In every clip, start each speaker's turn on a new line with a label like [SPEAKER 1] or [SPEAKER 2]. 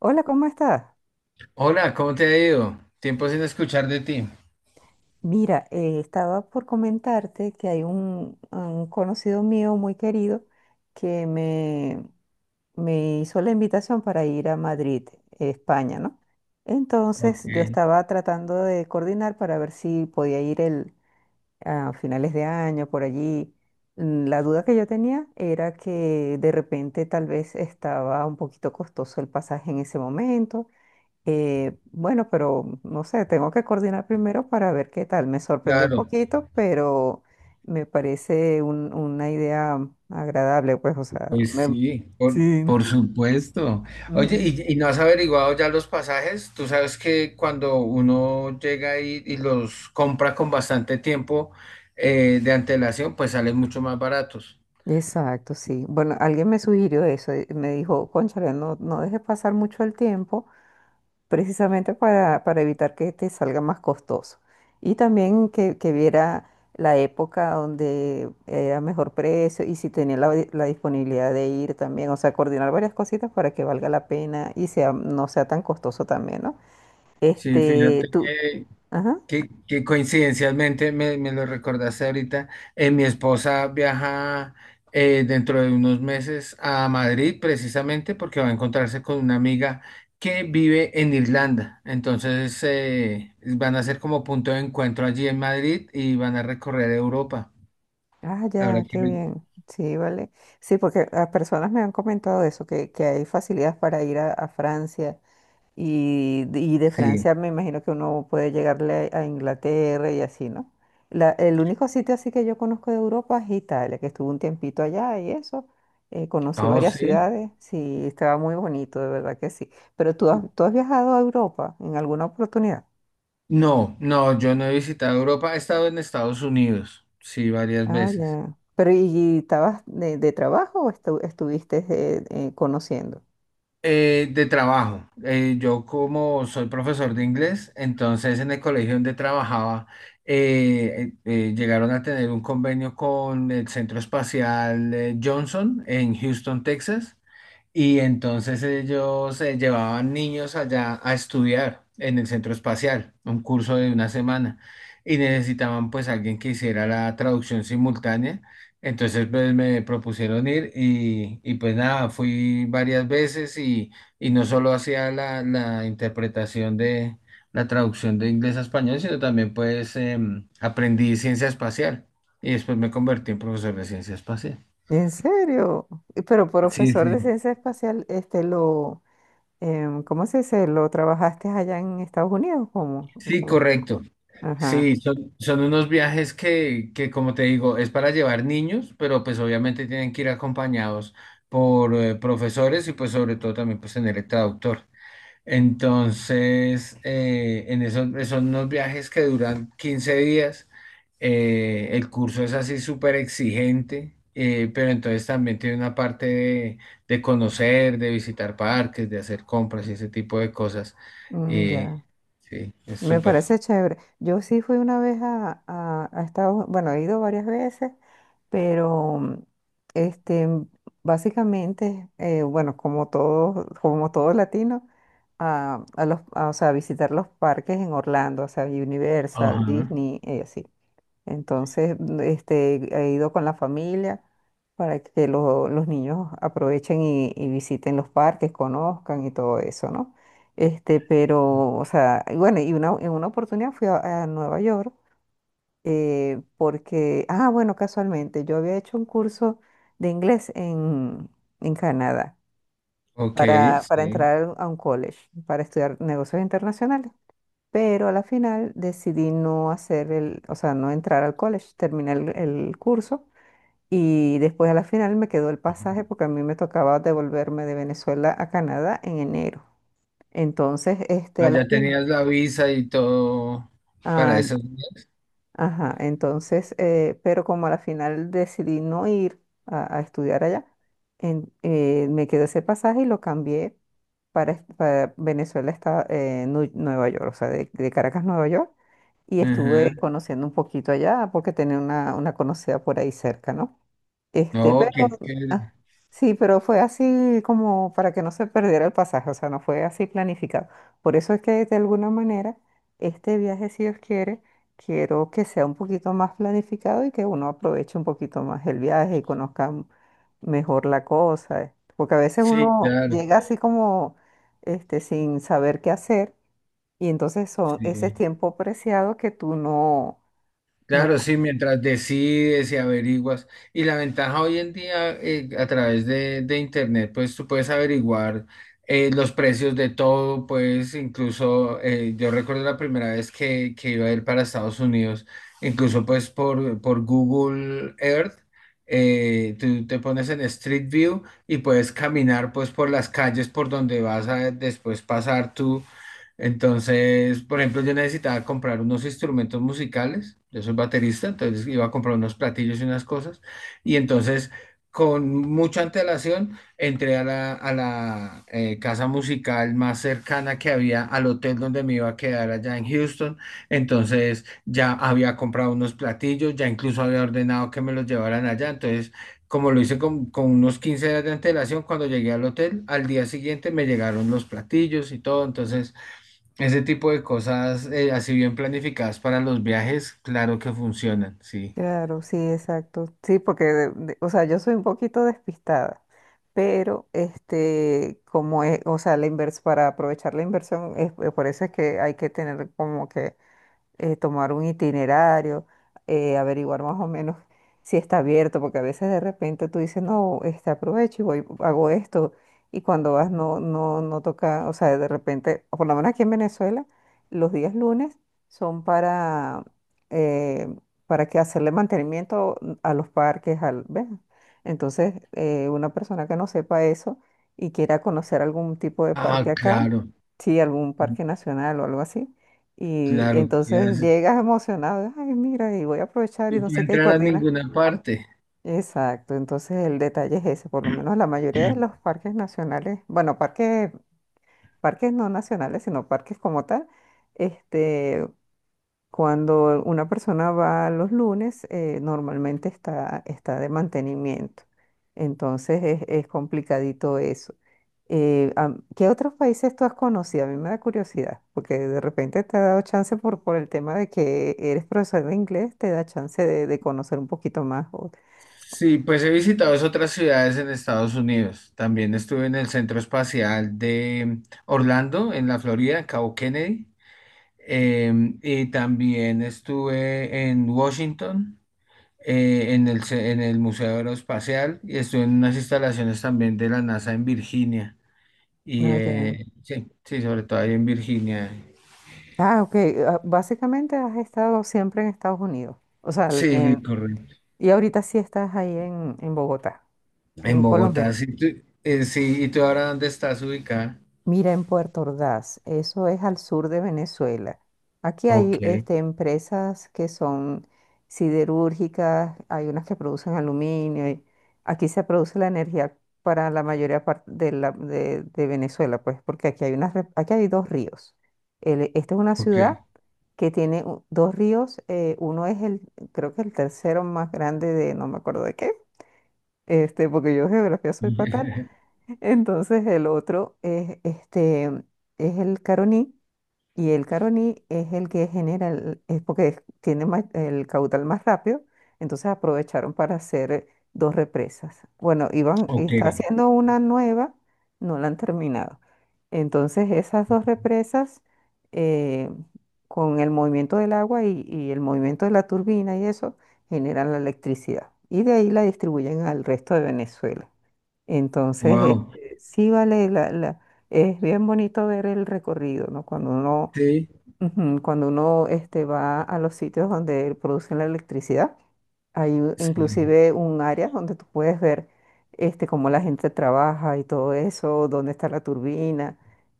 [SPEAKER 1] Hola, ¿cómo estás?
[SPEAKER 2] Hola, ¿cómo te ha ido? Tiempo sin escuchar de ti.
[SPEAKER 1] Mira, estaba por comentarte que hay un conocido mío muy querido que me hizo la invitación para ir a Madrid, España, ¿no?
[SPEAKER 2] Ok,
[SPEAKER 1] Entonces yo estaba tratando de coordinar para ver si podía ir a finales de año, por allí. La duda que yo tenía era que de repente tal vez estaba un poquito costoso el pasaje en ese momento. Bueno, pero no sé, tengo que coordinar primero para ver qué tal. Me sorprendió un
[SPEAKER 2] claro,
[SPEAKER 1] poquito, pero me parece una idea agradable, pues, o sea,
[SPEAKER 2] pues sí, por,
[SPEAKER 1] sí.
[SPEAKER 2] por supuesto. Oye,
[SPEAKER 1] Ujú.
[SPEAKER 2] ¿y no has averiguado ya los pasajes? Tú sabes que cuando uno llega y los compra con bastante tiempo de antelación, pues salen mucho más baratos.
[SPEAKER 1] Exacto, sí. Bueno, alguien me sugirió eso, me dijo, cónchale, no, no dejes pasar mucho el tiempo precisamente para evitar que te salga más costoso. Y también que viera la época donde era mejor precio y si tenía la disponibilidad de ir también, o sea, coordinar varias cositas para que valga la pena y sea, no sea tan costoso también, ¿no?
[SPEAKER 2] Sí,
[SPEAKER 1] Este,
[SPEAKER 2] fíjate
[SPEAKER 1] tú,
[SPEAKER 2] que
[SPEAKER 1] ajá,
[SPEAKER 2] Que, que coincidencialmente me lo recordaste ahorita, mi esposa viaja dentro de unos meses a Madrid precisamente porque va a encontrarse con una amiga que vive en Irlanda. Entonces van a ser como punto de encuentro allí en Madrid y van a recorrer Europa.
[SPEAKER 1] ah,
[SPEAKER 2] Ahora
[SPEAKER 1] ya,
[SPEAKER 2] que
[SPEAKER 1] qué
[SPEAKER 2] me-
[SPEAKER 1] bien, sí, vale. Sí, porque a personas me han comentado eso, que hay facilidades para ir a Francia. Y de
[SPEAKER 2] sí,
[SPEAKER 1] Francia me imagino que uno puede llegarle a Inglaterra y así, ¿no? El único sitio así que yo conozco de Europa es Italia, que estuve un tiempito allá y eso. Conocí
[SPEAKER 2] oh
[SPEAKER 1] varias
[SPEAKER 2] sí.
[SPEAKER 1] ciudades, sí, estaba muy bonito, de verdad que sí. Pero tú has viajado a Europa en alguna oportunidad.
[SPEAKER 2] No, no, yo no he visitado Europa, he estado en Estados Unidos, sí, varias
[SPEAKER 1] Ah,
[SPEAKER 2] veces.
[SPEAKER 1] ya. Pero ¿y estabas de trabajo o estuviste conociendo?
[SPEAKER 2] De trabajo. Yo como soy profesor de inglés, entonces en el colegio donde trabajaba llegaron a tener un convenio con el Centro Espacial Johnson en Houston, Texas, y entonces ellos llevaban niños allá a estudiar en el Centro Espacial, un curso de una semana, y necesitaban pues alguien que hiciera la traducción simultánea. Entonces pues, me propusieron ir y pues nada, fui varias veces y no solo hacía la interpretación de la traducción de inglés a español, sino también pues aprendí ciencia espacial y después me convertí en profesor de ciencia espacial.
[SPEAKER 1] ¿En serio? Pero
[SPEAKER 2] Sí,
[SPEAKER 1] profesor
[SPEAKER 2] sí.
[SPEAKER 1] de ciencia espacial, este lo. ¿Cómo se dice? ¿Lo trabajaste allá en Estados Unidos? ¿Cómo?
[SPEAKER 2] Sí,
[SPEAKER 1] ¿Cómo?
[SPEAKER 2] correcto.
[SPEAKER 1] Ajá,
[SPEAKER 2] Sí, son, son unos viajes que, como te digo, es para llevar niños, pero pues obviamente tienen que ir acompañados por profesores y pues sobre todo también pues tener el traductor. Entonces, en esos, esos unos viajes que duran 15 días, el curso es así súper exigente, pero entonces también tiene una parte de conocer, de visitar parques, de hacer compras y ese tipo de cosas.
[SPEAKER 1] mm,
[SPEAKER 2] Y
[SPEAKER 1] ya.
[SPEAKER 2] sí, es
[SPEAKER 1] Me
[SPEAKER 2] súper.
[SPEAKER 1] parece chévere. Yo sí fui una vez a Estados, bueno, he ido varias veces, pero este, básicamente, bueno, como todo latino, o sea, visitar los parques en Orlando, o sea, Universal,
[SPEAKER 2] Ajá.
[SPEAKER 1] Disney, y así. Entonces, este, he ido con la familia para que los niños aprovechen y visiten los parques, conozcan y todo eso, ¿no? Este, pero, o sea, y bueno, en una oportunidad fui a Nueva York porque, ah, bueno, casualmente, yo había hecho un curso de inglés en Canadá
[SPEAKER 2] Ok,
[SPEAKER 1] para
[SPEAKER 2] sí.
[SPEAKER 1] entrar a un college, para estudiar negocios internacionales. Pero a la final decidí no hacer el, o sea, no entrar al college, terminé el curso y después a la final me quedó el pasaje porque a mí me tocaba devolverme de Venezuela a Canadá en enero. Entonces, este,
[SPEAKER 2] Ah,
[SPEAKER 1] a la
[SPEAKER 2] ya
[SPEAKER 1] final,
[SPEAKER 2] tenías la visa y todo para esos días.
[SPEAKER 1] ajá, entonces, pero como a la final decidí no ir a estudiar allá, me quedé ese pasaje y lo cambié para Venezuela, Nueva York, o sea, de Caracas, Nueva York, y
[SPEAKER 2] Ajá.
[SPEAKER 1] estuve conociendo un poquito allá porque tenía una conocida por ahí cerca, ¿no? Este,
[SPEAKER 2] No,
[SPEAKER 1] pero
[SPEAKER 2] qué chévere.
[SPEAKER 1] ah, sí, pero fue así como para que no se perdiera el pasaje, o sea, no fue así planificado. Por eso es que de alguna manera este viaje, si Dios quiere, quiero que sea un poquito más planificado y que uno aproveche un poquito más el viaje y conozca mejor la cosa, porque a veces
[SPEAKER 2] Sí,
[SPEAKER 1] uno
[SPEAKER 2] claro.
[SPEAKER 1] llega así como este sin saber qué hacer y entonces son ese
[SPEAKER 2] Sí.
[SPEAKER 1] tiempo preciado que tú no, no.
[SPEAKER 2] Claro, sí, mientras decides y averiguas. Y la ventaja hoy en día a través de Internet, pues tú puedes averiguar los precios de todo, pues incluso yo recuerdo la primera vez que iba a ir para Estados Unidos, incluso pues por Google Earth, tú te pones en Street View y puedes caminar pues por las calles por donde vas a después pasar tú entonces, por ejemplo, yo necesitaba comprar unos instrumentos musicales, yo soy baterista, entonces iba a comprar unos platillos y unas cosas, y entonces con mucha antelación entré a la casa musical más cercana que había al hotel donde me iba a quedar allá en Houston, entonces ya había comprado unos platillos, ya incluso había ordenado que me los llevaran allá, entonces... Como lo hice con unos 15 días de antelación, cuando llegué al hotel, al día siguiente me llegaron los platillos y todo, entonces ese tipo de cosas, así bien planificadas para los viajes, claro que funcionan, sí.
[SPEAKER 1] Claro, sí, exacto. Sí, porque, o sea, yo soy un poquito despistada, pero este, como es, o sea, la invers para aprovechar la inversión, es, por eso es que hay que tener como que tomar un itinerario, averiguar más o menos si está abierto, porque a veces de repente tú dices, no, este aprovecho y voy, hago esto, y cuando vas no, no, no toca, o sea, de repente, o por lo menos aquí en Venezuela, los días lunes son eh, para que hacerle mantenimiento a los parques, al, ¿ves? Entonces, una persona que no sepa eso y quiera conocer algún tipo de parque
[SPEAKER 2] Ah,
[SPEAKER 1] acá, sí, algún parque nacional o algo así y
[SPEAKER 2] claro, ya
[SPEAKER 1] entonces
[SPEAKER 2] sé.
[SPEAKER 1] llegas emocionado, ay, mira, y voy a aprovechar y
[SPEAKER 2] No
[SPEAKER 1] no
[SPEAKER 2] puede
[SPEAKER 1] sé qué, y
[SPEAKER 2] entrar a
[SPEAKER 1] coordina.
[SPEAKER 2] ninguna parte.
[SPEAKER 1] Exacto, entonces el detalle es ese, por lo menos la mayoría de los parques nacionales, bueno, parques, parques no nacionales, sino parques como tal, este, cuando una persona va los lunes, normalmente está de mantenimiento. Entonces es complicadito eso. ¿Qué otros países tú has conocido? A mí me da curiosidad, porque de repente te ha dado chance por el tema de que eres profesor de inglés, te da chance de conocer un poquito más.
[SPEAKER 2] Sí, pues he visitado es otras ciudades en Estados Unidos. También estuve en el Centro Espacial de Orlando, en la Florida, en Cabo Kennedy. Y también estuve en Washington, en en el Museo Aeroespacial, y estuve en unas instalaciones también de la NASA en Virginia. Y
[SPEAKER 1] Ah, ya.
[SPEAKER 2] sí, sí, sobre todo ahí en Virginia.
[SPEAKER 1] Ah, ok. Ah, básicamente has estado siempre en Estados Unidos. O sea,
[SPEAKER 2] Sí, sí, correcto.
[SPEAKER 1] y ahorita sí estás ahí en Bogotá,
[SPEAKER 2] En
[SPEAKER 1] en
[SPEAKER 2] Bogotá,
[SPEAKER 1] Colombia.
[SPEAKER 2] sí, sí, ¿y tú ahora dónde estás ubicada?
[SPEAKER 1] Mira, en Puerto Ordaz, eso es al sur de Venezuela. Aquí
[SPEAKER 2] Ok,
[SPEAKER 1] hay este, empresas que son siderúrgicas, hay unas que producen aluminio. Y aquí se produce la energía para la mayoría de Venezuela, pues, porque aquí hay aquí hay dos ríos. Esta es una
[SPEAKER 2] ok.
[SPEAKER 1] ciudad que tiene dos ríos. Uno es creo que el tercero más grande no me acuerdo de qué, este, porque yo de geografía soy fatal. Entonces el otro es este, es el Caroní, y el Caroní es el que genera el- es porque es- tiene más- el caudal más rápido, entonces aprovecharon para hacer dos represas. Bueno, iban
[SPEAKER 2] Ok,
[SPEAKER 1] está haciendo una nueva, no la han terminado. Entonces esas dos represas, eh, con el movimiento del agua y el movimiento de la turbina y eso generan la electricidad y de ahí la distribuyen al resto de Venezuela. Entonces,
[SPEAKER 2] wow.
[SPEAKER 1] este, sí vale, es bien bonito ver el recorrido, ¿no? Cuando uno,
[SPEAKER 2] Sí,
[SPEAKER 1] ujú, cuando uno este, va a los sitios donde producen la electricidad, hay
[SPEAKER 2] sí.
[SPEAKER 1] inclusive un área donde tú puedes ver este, cómo la gente trabaja y todo eso, dónde está la turbina.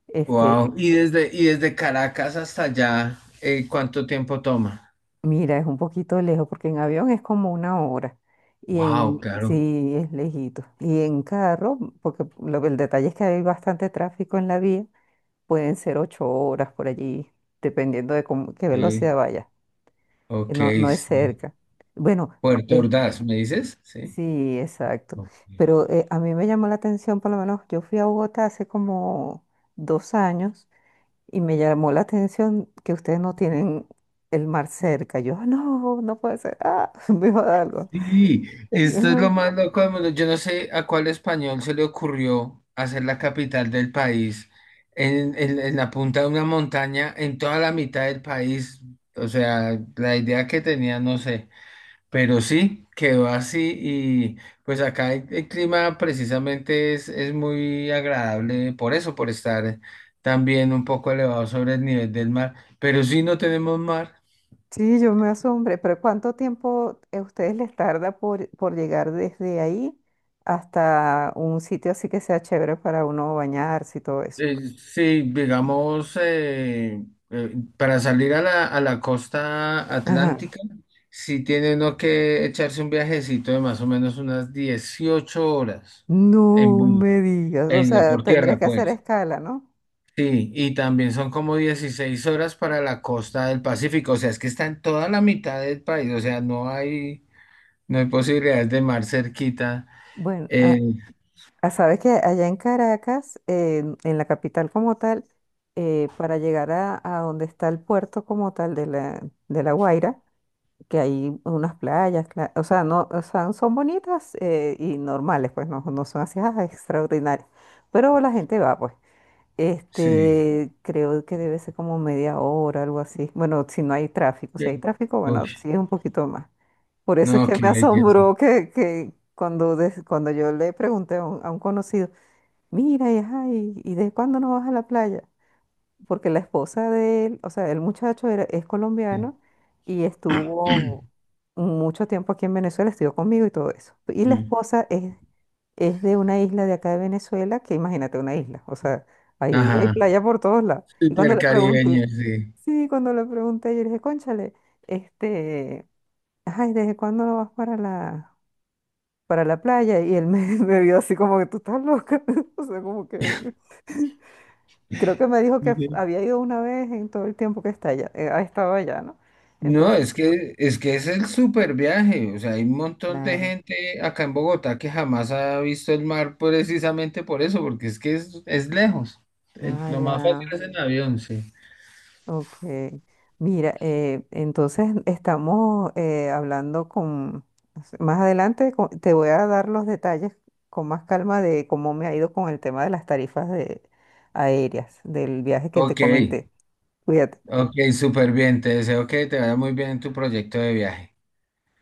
[SPEAKER 1] Este,
[SPEAKER 2] Wow. Y desde Caracas hasta allá, ¿cuánto tiempo toma?
[SPEAKER 1] mira, es un poquito lejos porque en avión es como 1 hora. Y
[SPEAKER 2] Wow, claro.
[SPEAKER 1] sí, es lejito. Y en carro, porque el detalle es que hay bastante tráfico en la vía. Pueden ser 8 horas por allí, dependiendo de qué
[SPEAKER 2] Sí,
[SPEAKER 1] velocidad vaya. Eh,
[SPEAKER 2] ok,
[SPEAKER 1] No, no es
[SPEAKER 2] sí.
[SPEAKER 1] cerca. Bueno,
[SPEAKER 2] Puerto
[SPEAKER 1] eh,
[SPEAKER 2] Ordaz, ¿me dices? Sí.
[SPEAKER 1] sí, exacto.
[SPEAKER 2] Ok.
[SPEAKER 1] Pero a mí me llamó la atención, por lo menos yo fui a Bogotá hace como 2 años y me llamó la atención que ustedes no tienen el mar cerca. Yo, "Ah, no, no puede ser. Ah, me va a dar algo."
[SPEAKER 2] Sí, esto es lo más loco del mundo. Yo no sé a cuál español se le ocurrió hacer la capital del país en, en la punta de una montaña, en toda la mitad del país. O sea, la idea que tenía, no sé. Pero sí, quedó así y pues acá el clima precisamente es muy agradable por eso, por estar también un poco elevado sobre el nivel del mar. Pero sí no tenemos mar.
[SPEAKER 1] Sí, yo me asombré, pero ¿cuánto tiempo a ustedes les tarda por llegar desde ahí hasta un sitio así que sea chévere para uno bañarse y todo eso?
[SPEAKER 2] Sí, digamos, para salir a la costa
[SPEAKER 1] Ajá.
[SPEAKER 2] atlántica, sí tiene uno que echarse un viajecito de más o menos unas 18 horas en
[SPEAKER 1] No
[SPEAKER 2] bus,
[SPEAKER 1] me digas, o
[SPEAKER 2] en,
[SPEAKER 1] sea,
[SPEAKER 2] por
[SPEAKER 1] tendrías
[SPEAKER 2] tierra,
[SPEAKER 1] que hacer
[SPEAKER 2] pues.
[SPEAKER 1] escala, ¿no?
[SPEAKER 2] Sí, y también son como 16 horas para la costa del Pacífico, o sea, es que está en toda la mitad del país, o sea, no hay, no hay posibilidades de mar cerquita.
[SPEAKER 1] Bueno,
[SPEAKER 2] eh,
[SPEAKER 1] sabes que allá en Caracas, en la capital como tal, para llegar a donde está el puerto como tal de La Guaira, que hay unas playas, o sea, no, o sea, son bonitas y normales, pues no, no son así extraordinarias, pero la gente va, pues.
[SPEAKER 2] sí.
[SPEAKER 1] Este, creo que debe ser como media hora, algo así. Bueno, si no hay tráfico,
[SPEAKER 2] Sí.
[SPEAKER 1] si hay tráfico,
[SPEAKER 2] Uy,
[SPEAKER 1] bueno, sí es un poquito más. Por eso es
[SPEAKER 2] no,
[SPEAKER 1] que me
[SPEAKER 2] qué belleza.
[SPEAKER 1] asombró que cuando yo le pregunté a un conocido, mira, ajá, ¿y de cuándo no vas a la playa? Porque la esposa de él, o sea, el muchacho era, es colombiano y
[SPEAKER 2] Sí.
[SPEAKER 1] estuvo mucho tiempo aquí en Venezuela, estudió conmigo y todo eso. Y la esposa es de una isla de acá de Venezuela, que imagínate una isla, o sea, ahí hay
[SPEAKER 2] Ajá,
[SPEAKER 1] playa por todos lados. Y cuando
[SPEAKER 2] súper
[SPEAKER 1] le pregunté,
[SPEAKER 2] caribeño, sí.
[SPEAKER 1] sí, cuando le pregunté, yo le dije, cónchale, este, ay, ¿desde cuándo no vas para la playa? Y él me, me vio así como que tú estás loca, o sea, como que. Creo que me dijo que
[SPEAKER 2] Ujú.
[SPEAKER 1] había ido una vez en todo el tiempo que está allá, ha estado allá, ¿no?
[SPEAKER 2] No,
[SPEAKER 1] Entonces,
[SPEAKER 2] es que, es que es el súper viaje. O sea, hay un montón de
[SPEAKER 1] claro.
[SPEAKER 2] gente acá en Bogotá que jamás ha visto el mar precisamente por eso, porque es que es lejos.
[SPEAKER 1] Ah,
[SPEAKER 2] Lo más fácil
[SPEAKER 1] ya.
[SPEAKER 2] es en avión, sí.
[SPEAKER 1] Ok. Mira, entonces estamos hablando más adelante te voy a dar los detalles con más calma de cómo me ha ido con el tema de las tarifas de, aéreas, del viaje que te
[SPEAKER 2] Ok,
[SPEAKER 1] comenté. Cuídate.
[SPEAKER 2] ok, súper bien. Te deseo que te vaya muy bien en tu proyecto de viaje.